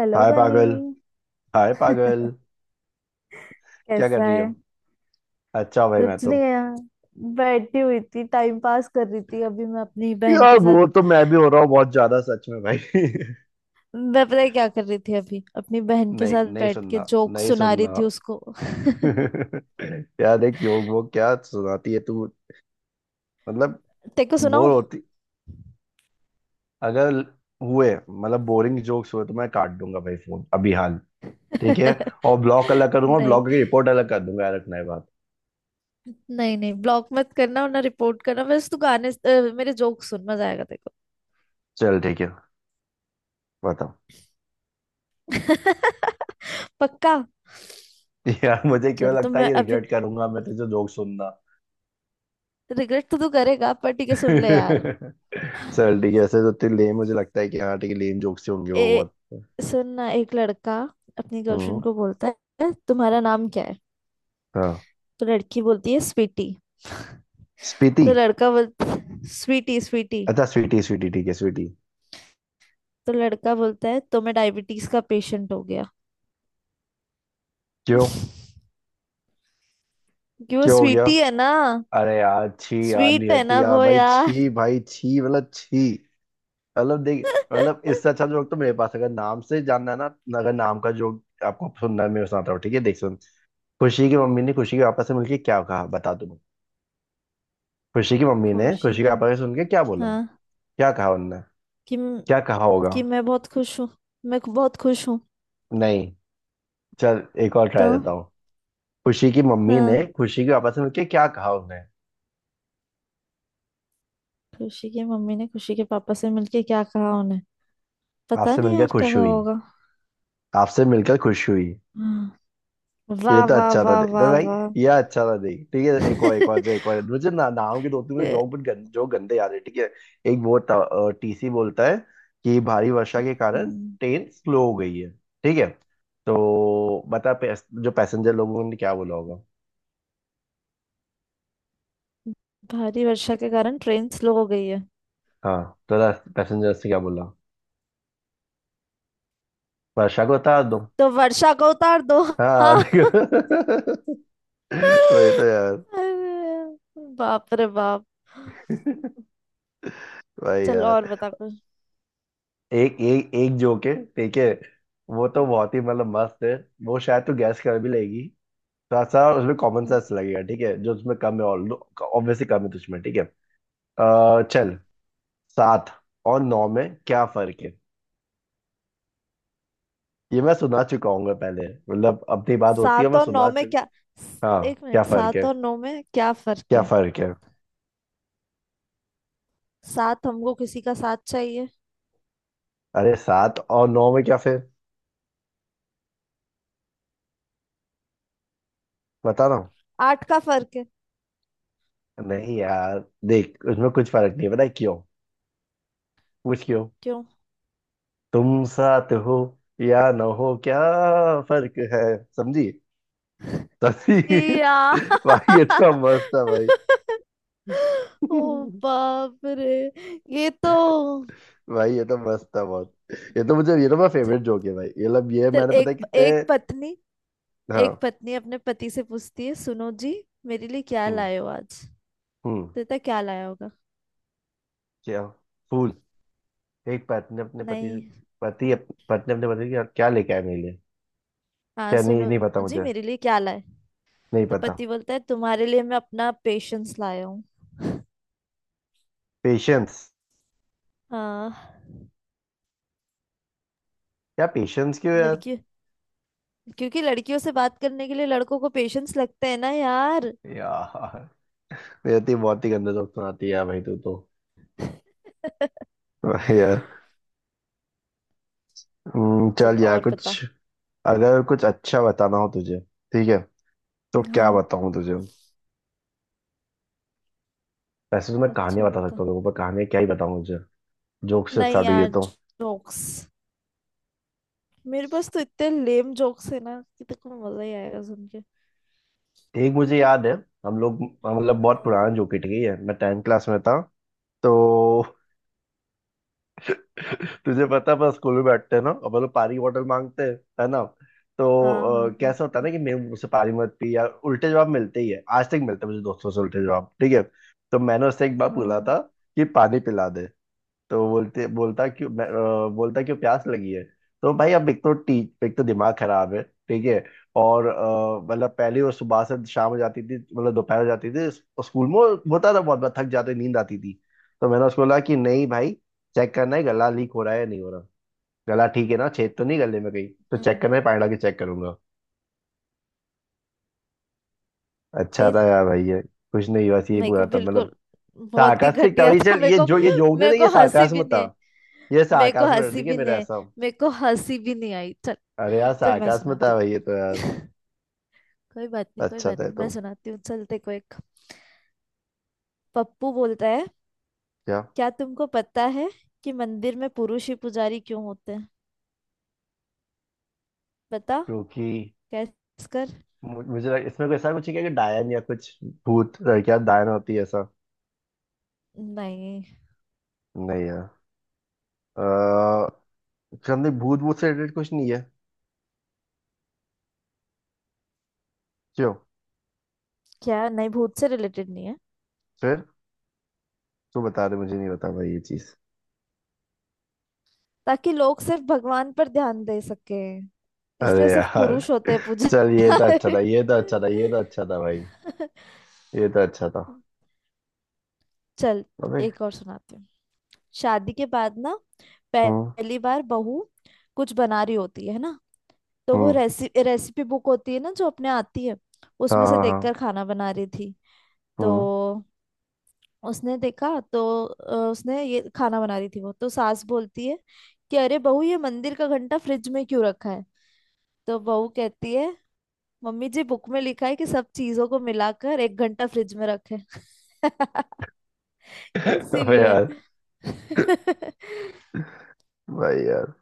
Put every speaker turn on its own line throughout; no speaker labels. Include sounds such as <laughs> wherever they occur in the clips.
Hello
hi
बनी।
पागल। Hi पागल।
<laughs>
क्या कर
कैसा
रही है?
है।
अच्छा भाई, मैं
कुछ
तो...
नहीं है यार, बैठी हुई थी, टाइम पास कर रही थी अभी मैं अपनी बहन
यार,
के साथ।
वो तो मैं भी हो रहा हूँ बहुत ज्यादा, सच में भाई। <laughs>
मैं पता है क्या कर रही थी अभी, अपनी बहन के
नहीं
साथ
नहीं
बैठ के
सुनना।
जोक
नहीं
सुना रही
सुनना।
थी उसको। <laughs>
<laughs> यार, एक जोक वो क्या सुनाती है तू? मतलब,
तेरे को
बोर
सुनाऊं।
होती... अगर हुए, मतलब बोरिंग जोक्स हुए तो मैं काट दूंगा भाई फोन अभी हाल। ठीक है,
<laughs>
और ब्लॉक अलग कर दूंगा,
नहीं,
ब्लॉक की रिपोर्ट अलग कर दूंगा, यार रखना है बात।
नहीं ब्लॉक मत करना, वरना रिपोर्ट करना बस। तू गाने मेरे जोक सुन, मजा आएगा तेरे
चल ठीक है, बताओ।
को। <laughs> पक्का।
<laughs> यार, मुझे क्यों
चल तो
लगता है
मैं
ये
अभी,
रिग्रेट करूंगा मैं तुझे जोक सुनना।
रिग्रेट तो तू करेगा पर ठीक है
<laughs>
सुन ले यार।
चल ठीक है, ऐसे तो इतने लेम... मुझे लगता है कि हाँ ठीक है, लेम जोक्स ही होंगे
ए
वो बहुत।
सुन ना, एक लड़का अपनी
हम्म।
गर्लफ्रेंड को बोलता है तुम्हारा नाम क्या है।
हाँ।
तो लड़की बोलती है स्वीटी। <laughs>
स्पीति।
तो लड़का बोल स्वीटी स्वीटी।
अच्छा स्वीटी स्वीटी, ठीक है स्वीटी।
तो लड़का बोलता है तो मैं डायबिटीज का पेशेंट हो गया
क्यों?
क्योंकि वो
क्यों हो गया?
स्वीटी है ना।
अरे यार छी, यार
स्वीट है
नियति
ना
यार,
वो
भाई
यार।
छी, भाई छी, मतलब छी। मतलब देख, मतलब इससे अच्छा जोक तो मेरे पास है। अगर नाम से जानना है ना, अगर नाम का जोक आपको सुनना है, मैं सुनाता हूँ ठीक है, देख सुन। खुशी की मम्मी ने खुशी के पापा से मिलके क्या कहा, बता तुम। खुशी की
<laughs>
मम्मी ने
खुशी
खुशी के
की।
पापा से सुन के क्या बोला?
हाँ।
क्या कहा उनने?
कि
क्या कहा होगा?
मैं बहुत खुश हूँ। मैं बहुत खुश हूँ।
नहीं। चल एक और
तो
ट्राई देता हूँ। खुशी की मम्मी ने
हाँ,
खुशी के पापा से मिलके क्या कहा उन्हें?
खुशी की मम्मी ने खुशी के पापा से मिलके क्या कहा उन्हें। पता
आपसे
नहीं
मिलकर
यार क्या
खुश
कहा
हुई।
होगा।
आपसे मिलकर खुश हुई।
हाँ,
ये
वाह
तो
वाह
अच्छा था
वाह
देख तो
वाह
भाई।
वाह।
ये अच्छा था देख, ठीक है। एक और, एक और जो, एक
<laughs>
और मुझे ना, नाम के दो तीन मुझे जोक जो गंदे याद है, ठीक है। एक वो था, टीसी बोलता है कि भारी वर्षा के कारण
हम्म।
ट्रेन स्लो हो गई है, ठीक है। तो बता, जो पैसेंजर लोगों ने क्या बोला होगा?
भारी वर्षा के कारण ट्रेन स्लो हो गई है।
हाँ, तो पैसेंजर से क्या बोला? वर्षा को उतार दो।
तो वर्षा को उतार दो। <laughs>
हाँ
हाँ,
देखो। <laughs> वही तो यार।
अरे, बाप रे बाप।
भाई
चलो और
यार।
बता कुछ।
एक एक एक जोक है, ठीक है। वो तो बहुत ही मतलब मस्त है। वो शायद तो गैस कर भी लेगी। थोड़ा सा उसमें कॉमन
हम्म,
सेंस लगेगा, ठीक है, जो उसमें कम है, ऑल ऑब्वियसली कम है तुझमें, ठीक है। चल, सात और नौ में क्या फर्क है? ये मैं सुना चुका हूँ पहले, मतलब अपनी बात होती है,
सात
मैं
और नौ
सुना
में क्या,
चुका। हाँ,
एक
क्या
मिनट,
फर्क
सात
है?
और नौ में क्या फर्क
क्या
है।
फर्क है?
सात हमको किसी का साथ चाहिए।
अरे सात और नौ में क्या, फिर बता रहा हूँ।
आठ का फर्क है।
नहीं यार देख, उसमें कुछ फर्क नहीं है, पता है क्यों? पूछ क्यों।
क्यों।
तुम साथ हो या न हो, क्या फर्क है? समझी?
छी
समझी।
यार।
<laughs> भाई ये तो मस्त था भाई।
<laughs> ओ
<laughs>
बाप रे, ये तो।
भाई ये तो मस्त था बहुत। ये तो मेरा
च-
फेवरेट जोक है भाई, ये लब ये
चल
मैंने पता है
एक,
कितने...
एक पत्नी, एक
हाँ।
पत्नी अपने पति से पूछती है सुनो जी, मेरे लिए क्या
हम्म।
लाए हो आज।
हम्म।
देता क्या लाया होगा।
क्या? फूल। एक पत्नी अपने पति से...
नहीं।
पत्नी अपने पति की क्या लेके आए मेरे लिए?
हाँ
क्या? नहीं
सुनो
नहीं पता
जी,
मुझे।
मेरे लिए क्या लाए।
नहीं
तो
पता।
पति बोलता है तुम्हारे लिए मैं अपना पेशेंस लाया हूँ।
पेशेंस?
हाँ,
क्या पेशेंस? क्यों यार?
लड़की, क्योंकि लड़कियों से बात करने के लिए लड़कों को पेशेंस लगते हैं ना यार।
यार, ये तो बहुत ही गंदा जोक सुनाती है यार भाई तू तो।
<laughs>
<laughs> यार।
चल
चल यार,
और बता।
कुछ अगर कुछ अच्छा बताना हो तुझे, ठीक है, तो क्या
हाँ,
बताऊं तुझे? वैसे तो मैं
अच्छा
कहानियां बता
बता।
सकता हूँ लोगों पर, कहानियां क्या ही बताऊं तुझे? जोक से
नहीं
स्टार्ट हुई है
यार,
तो...
जोक्स मेरे पास तो इतने लेम जोक्स है ना कि तेरे को मजा ही आएगा सुन के।
एक मुझे याद है। हम लोग, मतलब बहुत
हम्म,
पुराना जोक ही ठीक है, मैं टेंथ क्लास में था तो... <laughs> <laughs> तुझे पता है अपन स्कूल में बैठते हैं ना, अपन लोग पानी बॉटल मांगते हैं, है ना? तो
हाँ हाँ हाँ।
कैसा होता है ना कि मेरे मुझसे पानी मत पी यार, उल्टे जवाब मिलते ही है, आज तक मिलते हैं मुझे दोस्तों से उल्टे जवाब, ठीक है। तो मैंने उससे एक बार बोला
हाँ।
था कि पानी पिला दे। तो बोलते, बोलता क्यों प्यास लगी है। तो भाई, अब एक तो दिमाग खराब है, ठीक है। और मतलब पहले वो सुबह से शाम हो जाती थी, मतलब दोपहर हो जाती थी स्कूल में, होता था बहुत बार थक जाते नींद आती थी। तो मैंने उसको बोला कि नहीं भाई, चेक करना है गला लीक हो रहा है या नहीं हो रहा, गला ठीक है ना, छेद तो नहीं गले में कहीं, तो चेक
हम्म।
करना है पानी डाल के चेक करूंगा। अच्छा
फिर।
था यार भाई ये। कुछ नहीं, बस ये
मेरे को
बुरा था मतलब।
बिल्कुल, बहुत ही
सार्कास्टिक था
घटिया
भाई,
था
चल
मेरे
ये
को।
जो ये जोक नहीं
मेरे
था, ये
को हंसी भी
सार्कास्म
नहीं
था।
आई।
ये
मेरे को
सार्कास्म है,
हंसी
ठीक है,
भी नहीं
मेरा
आई।
ऐसा।
मेरे को हंसी भी नहीं आई। चल,
अरे यार
चल मैं
सार्कास्म
सुनाती
था भाई ये तो यार।
हूँ। <laughs> कोई बात नहीं, कोई
अच्छा
बात
था ये
नहीं,
तो।
मैं सुनाती हूँ। चल देखो, एक पप्पू बोलता है
क्या?
क्या तुमको पता है कि मंदिर में पुरुष ही पुजारी क्यों होते हैं। बता।
क्योंकि
कैस कर।
मुझे इसमें कोई ऐसा कुछ है क्या, कि डायन या कुछ, भूत, लड़कियां डायन होती है ऐसा?
नहीं।
नहीं यार। अः हमने भूत, से रिलेटेड कुछ नहीं है। क्यों?
क्या नहीं, भूत से रिलेटेड नहीं है।
फिर तू बता दे, मुझे नहीं बता भाई ये चीज।
ताकि लोग सिर्फ भगवान पर ध्यान दे सके,
अरे
इसलिए सिर्फ
यार।
पुरुष होते हैं पूजा।
चल ये तो अच्छा था, ये तो अच्छा था, ये तो अच्छा था भाई।
<laughs>
ये तो अच्छा था।
चल
अबे।
एक और सुनाती हूँ। शादी के बाद ना
हम्म।
पहली बार बहू कुछ बना रही होती है ना, तो वो
हम्म।
रेसि रेसिपी बुक होती है ना जो अपने आती है, उसमें
हाँ
से
हाँ
देखकर
हाँ,
खाना बना रही थी। तो
हम्म।
उसने देखा तो उसने ये खाना बना रही थी वो, तो सास बोलती है कि अरे बहू ये मंदिर का घंटा फ्रिज में क्यों रखा है। तो बहू कहती है मम्मी जी, बुक में लिखा है कि सब चीजों को मिलाकर एक घंटा फ्रिज में रखें। <laughs>
<laughs> अबे
इसीलिए।
यार।
<laughs>
भाई यार।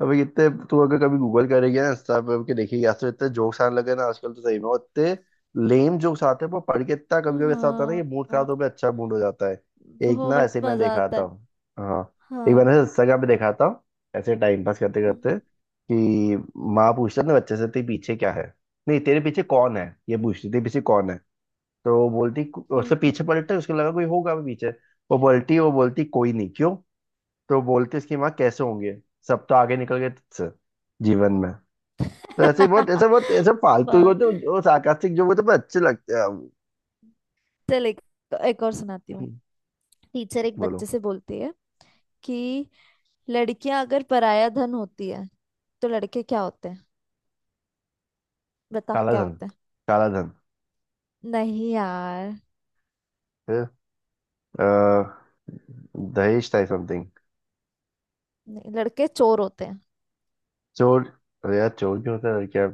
अबे इतने, तू अगर कभी गूगल करेगी ना, इंस्टा पे के देखेगी, आज तो इतने जोक्स आने लगे ना आजकल तो सही में, और इतने लेम जोक्स आते हैं वो पढ़ के, इतना कभी कभी ऐसा होता है ना कि
हाँ,
मूड
हाँ,
खराब हो गया अच्छा मूड हो जाता है। एक ना
बहुत
ऐसे मैं
मजा
देखा
आता
था।
है।
हाँ। एक
हाँ।
मैंने इंस्टाग्राम पे देखा था ऐसे टाइम पास करते
हम्म,
करते कि माँ पूछता ना बच्चे से, तेरे पीछे क्या है, नहीं तेरे पीछे कौन है, ये पूछती तेरे पीछे कौन है। तो वो बोलती... उससे
हम्म।
पीछे पलटता है, उसको लगा कोई होगा भी पीछे। वो बोलती कोई नहीं क्यों। तो बोलते इसकी माँ, कैसे होंगे, सब तो आगे निकल गए तुझसे जीवन में। तो ऐसे ही बहुत ऐसे, बहुत ऐसे
<laughs>
फालतू ही
वाह।
होते हैं, जो सार्कास्टिक जो होते हैं, पर अच्छे लगते हैं हम।
चल एक, एक और सुनाती हूँ। टीचर एक बच्चे
बोलो।
से बोलती है कि लड़कियां अगर पराया धन होती है तो लड़के क्या होते हैं। बता
काला
क्या
धन।
होते हैं।
काला धन।
नहीं यार,
फिर अ, दहेज था समथिंग।
नहीं, लड़के चोर होते हैं
चोर? अरे यार चोर भी होता है क्या?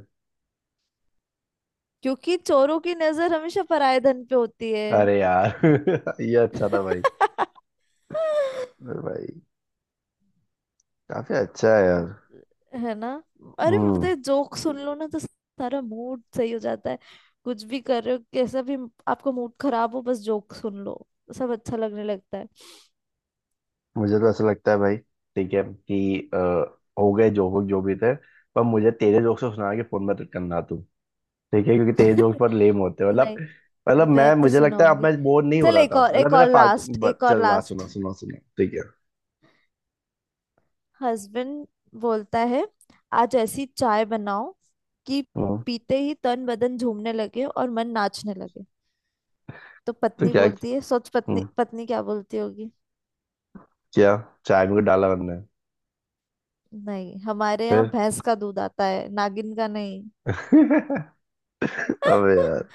क्योंकि चोरों की नजर हमेशा पराये धन पे होती है।
अरे यार <laughs> ये अच्छा था भाई।
<laughs>
अरे भाई, काफी अच्छा है यार।
है ना। अरे पता
हम्म।
है जोक सुन लो ना तो सारा मूड सही हो जाता है। कुछ भी कर रहे हो, कैसा भी आपका मूड खराब हो, बस जोक सुन लो, सब अच्छा लगने लगता है।
मुझे तो ऐसा लगता है भाई, ठीक है कि हो गए जो हो, जो भी थे, पर मुझे तेरे जोक से सुना के फोन मत करना तू, ठीक है, क्योंकि तेज जोक्स
<laughs>
पर
नहीं,
लेम होते हैं मतलब। मतलब
मैं
मैं,
तो
मुझे लगता है अब
सुनाऊंगी।
मैं बोर नहीं हो
चल
रहा
एक
था
और,
मतलब,
एक
मैंने
और
फालतू
लास्ट, एक
चल
और
रहा
लास्ट।
सुना सुना सुना, ठीक है।
हस्बैंड बोलता है आज ऐसी चाय बनाओ कि
हम्म,
पीते ही तन बदन झूमने लगे और मन नाचने लगे। तो
तो
पत्नी
क्या?
बोलती है, सोच पत्नी
हम्म,
पत्नी क्या बोलती होगी।
क्या, चाय में कुछ डाला हमने?
नहीं, हमारे
फिर?
यहाँ भैंस का दूध आता है, नागिन का नहीं।
<laughs> अबे
<laughs>
यार।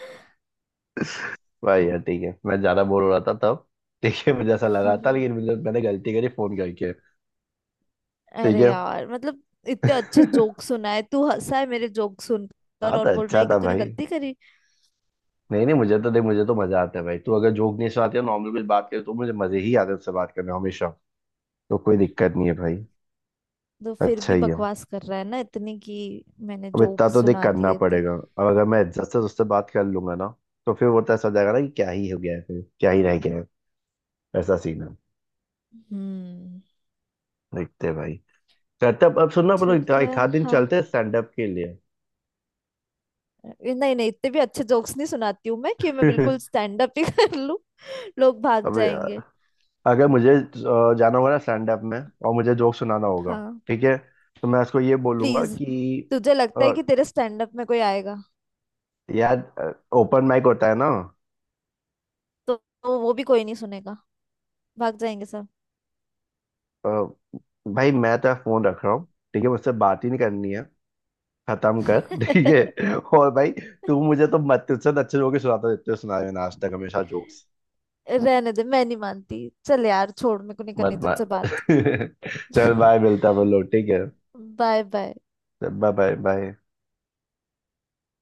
भाई यार ठीक है मैं ज्यादा बोर हो रहा था तब, ठीक है, मुझे ऐसा लगा था,
हम्म।
लेकिन मुझे मैंने गलती करी फोन करके। ठीक
अरे
है।
यार मतलब इतने अच्छे
<laughs>
जोक सुनाए, तू हंसा है मेरे जोक सुनकर
हाँ
और
तो
बोल रहा
अच्छा
है कि
था
तूने
भाई।
गलती करी।
नहीं नहीं, मुझे तो देख, मुझे तो मजा आता है भाई, तू अगर जोक नहीं सुनाती है, नॉर्मल कुछ बात करे तो मुझे मजे ही आते हैं उससे बात करने में हमेशा, तो कोई दिक्कत नहीं है भाई,
तो फिर
अच्छा
भी
ही है।
बकवास कर रहा है ना इतनी कि मैंने
अब इतना
जोक
तो देख
सुना
करना
दिए तो।
पड़ेगा
<laughs>
अब, अगर मैं इज्जत से उससे बात कर लूंगा ना, तो फिर वो तो ऐसा हो जाएगा ना कि क्या ही हो गया है फिर, क्या ही रह गया है, ऐसा सीन है।
हम्म।
देखते हैं भाई। चलते अब सुनना अपन लोग
ठीक
एक
है
एक आध दिन
हाँ,
चलते हैं स्टैंड अप के लिए।
नहीं नहीं, इतने भी अच्छे जोक्स नहीं सुनाती हूँ मैं कि मैं बिल्कुल
<laughs>
स्टैंड अप ही <laughs> कर लूँ। लोग भाग
अब
जाएंगे।
यार, अगर मुझे जाना होगा ना स्टैंड अप में और मुझे जोक सुनाना होगा,
हाँ
ठीक है, तो मैं उसको ये बोलूंगा
प्लीज,
कि
तुझे लगता है
अ,
कि तेरे स्टैंड अप में कोई आएगा।
यार, ओपन माइक होता है ना।
तो, तो वो भी कोई नहीं सुनेगा, भाग जाएंगे सब।
अ, भाई मैं तो फोन रख रहा हूँ, ठीक है, मुझसे बात ही नहीं करनी है, खत्म कर ठीक
<laughs>
है। और भाई तू मुझे तो मत, तुझसे तो अच्छे जोक ही सुनाता रहते हो, सुनाए मैंने आज तक हमेशा जोक्स।
रहने दे, मैं नहीं मानती। चल यार छोड़, मेरे को नहीं करनी
मत मार।
तुझसे बात।
<laughs> चल बाय, मिलता है बोलो ठीक है।
<laughs> Bye bye.
Bye bye bye.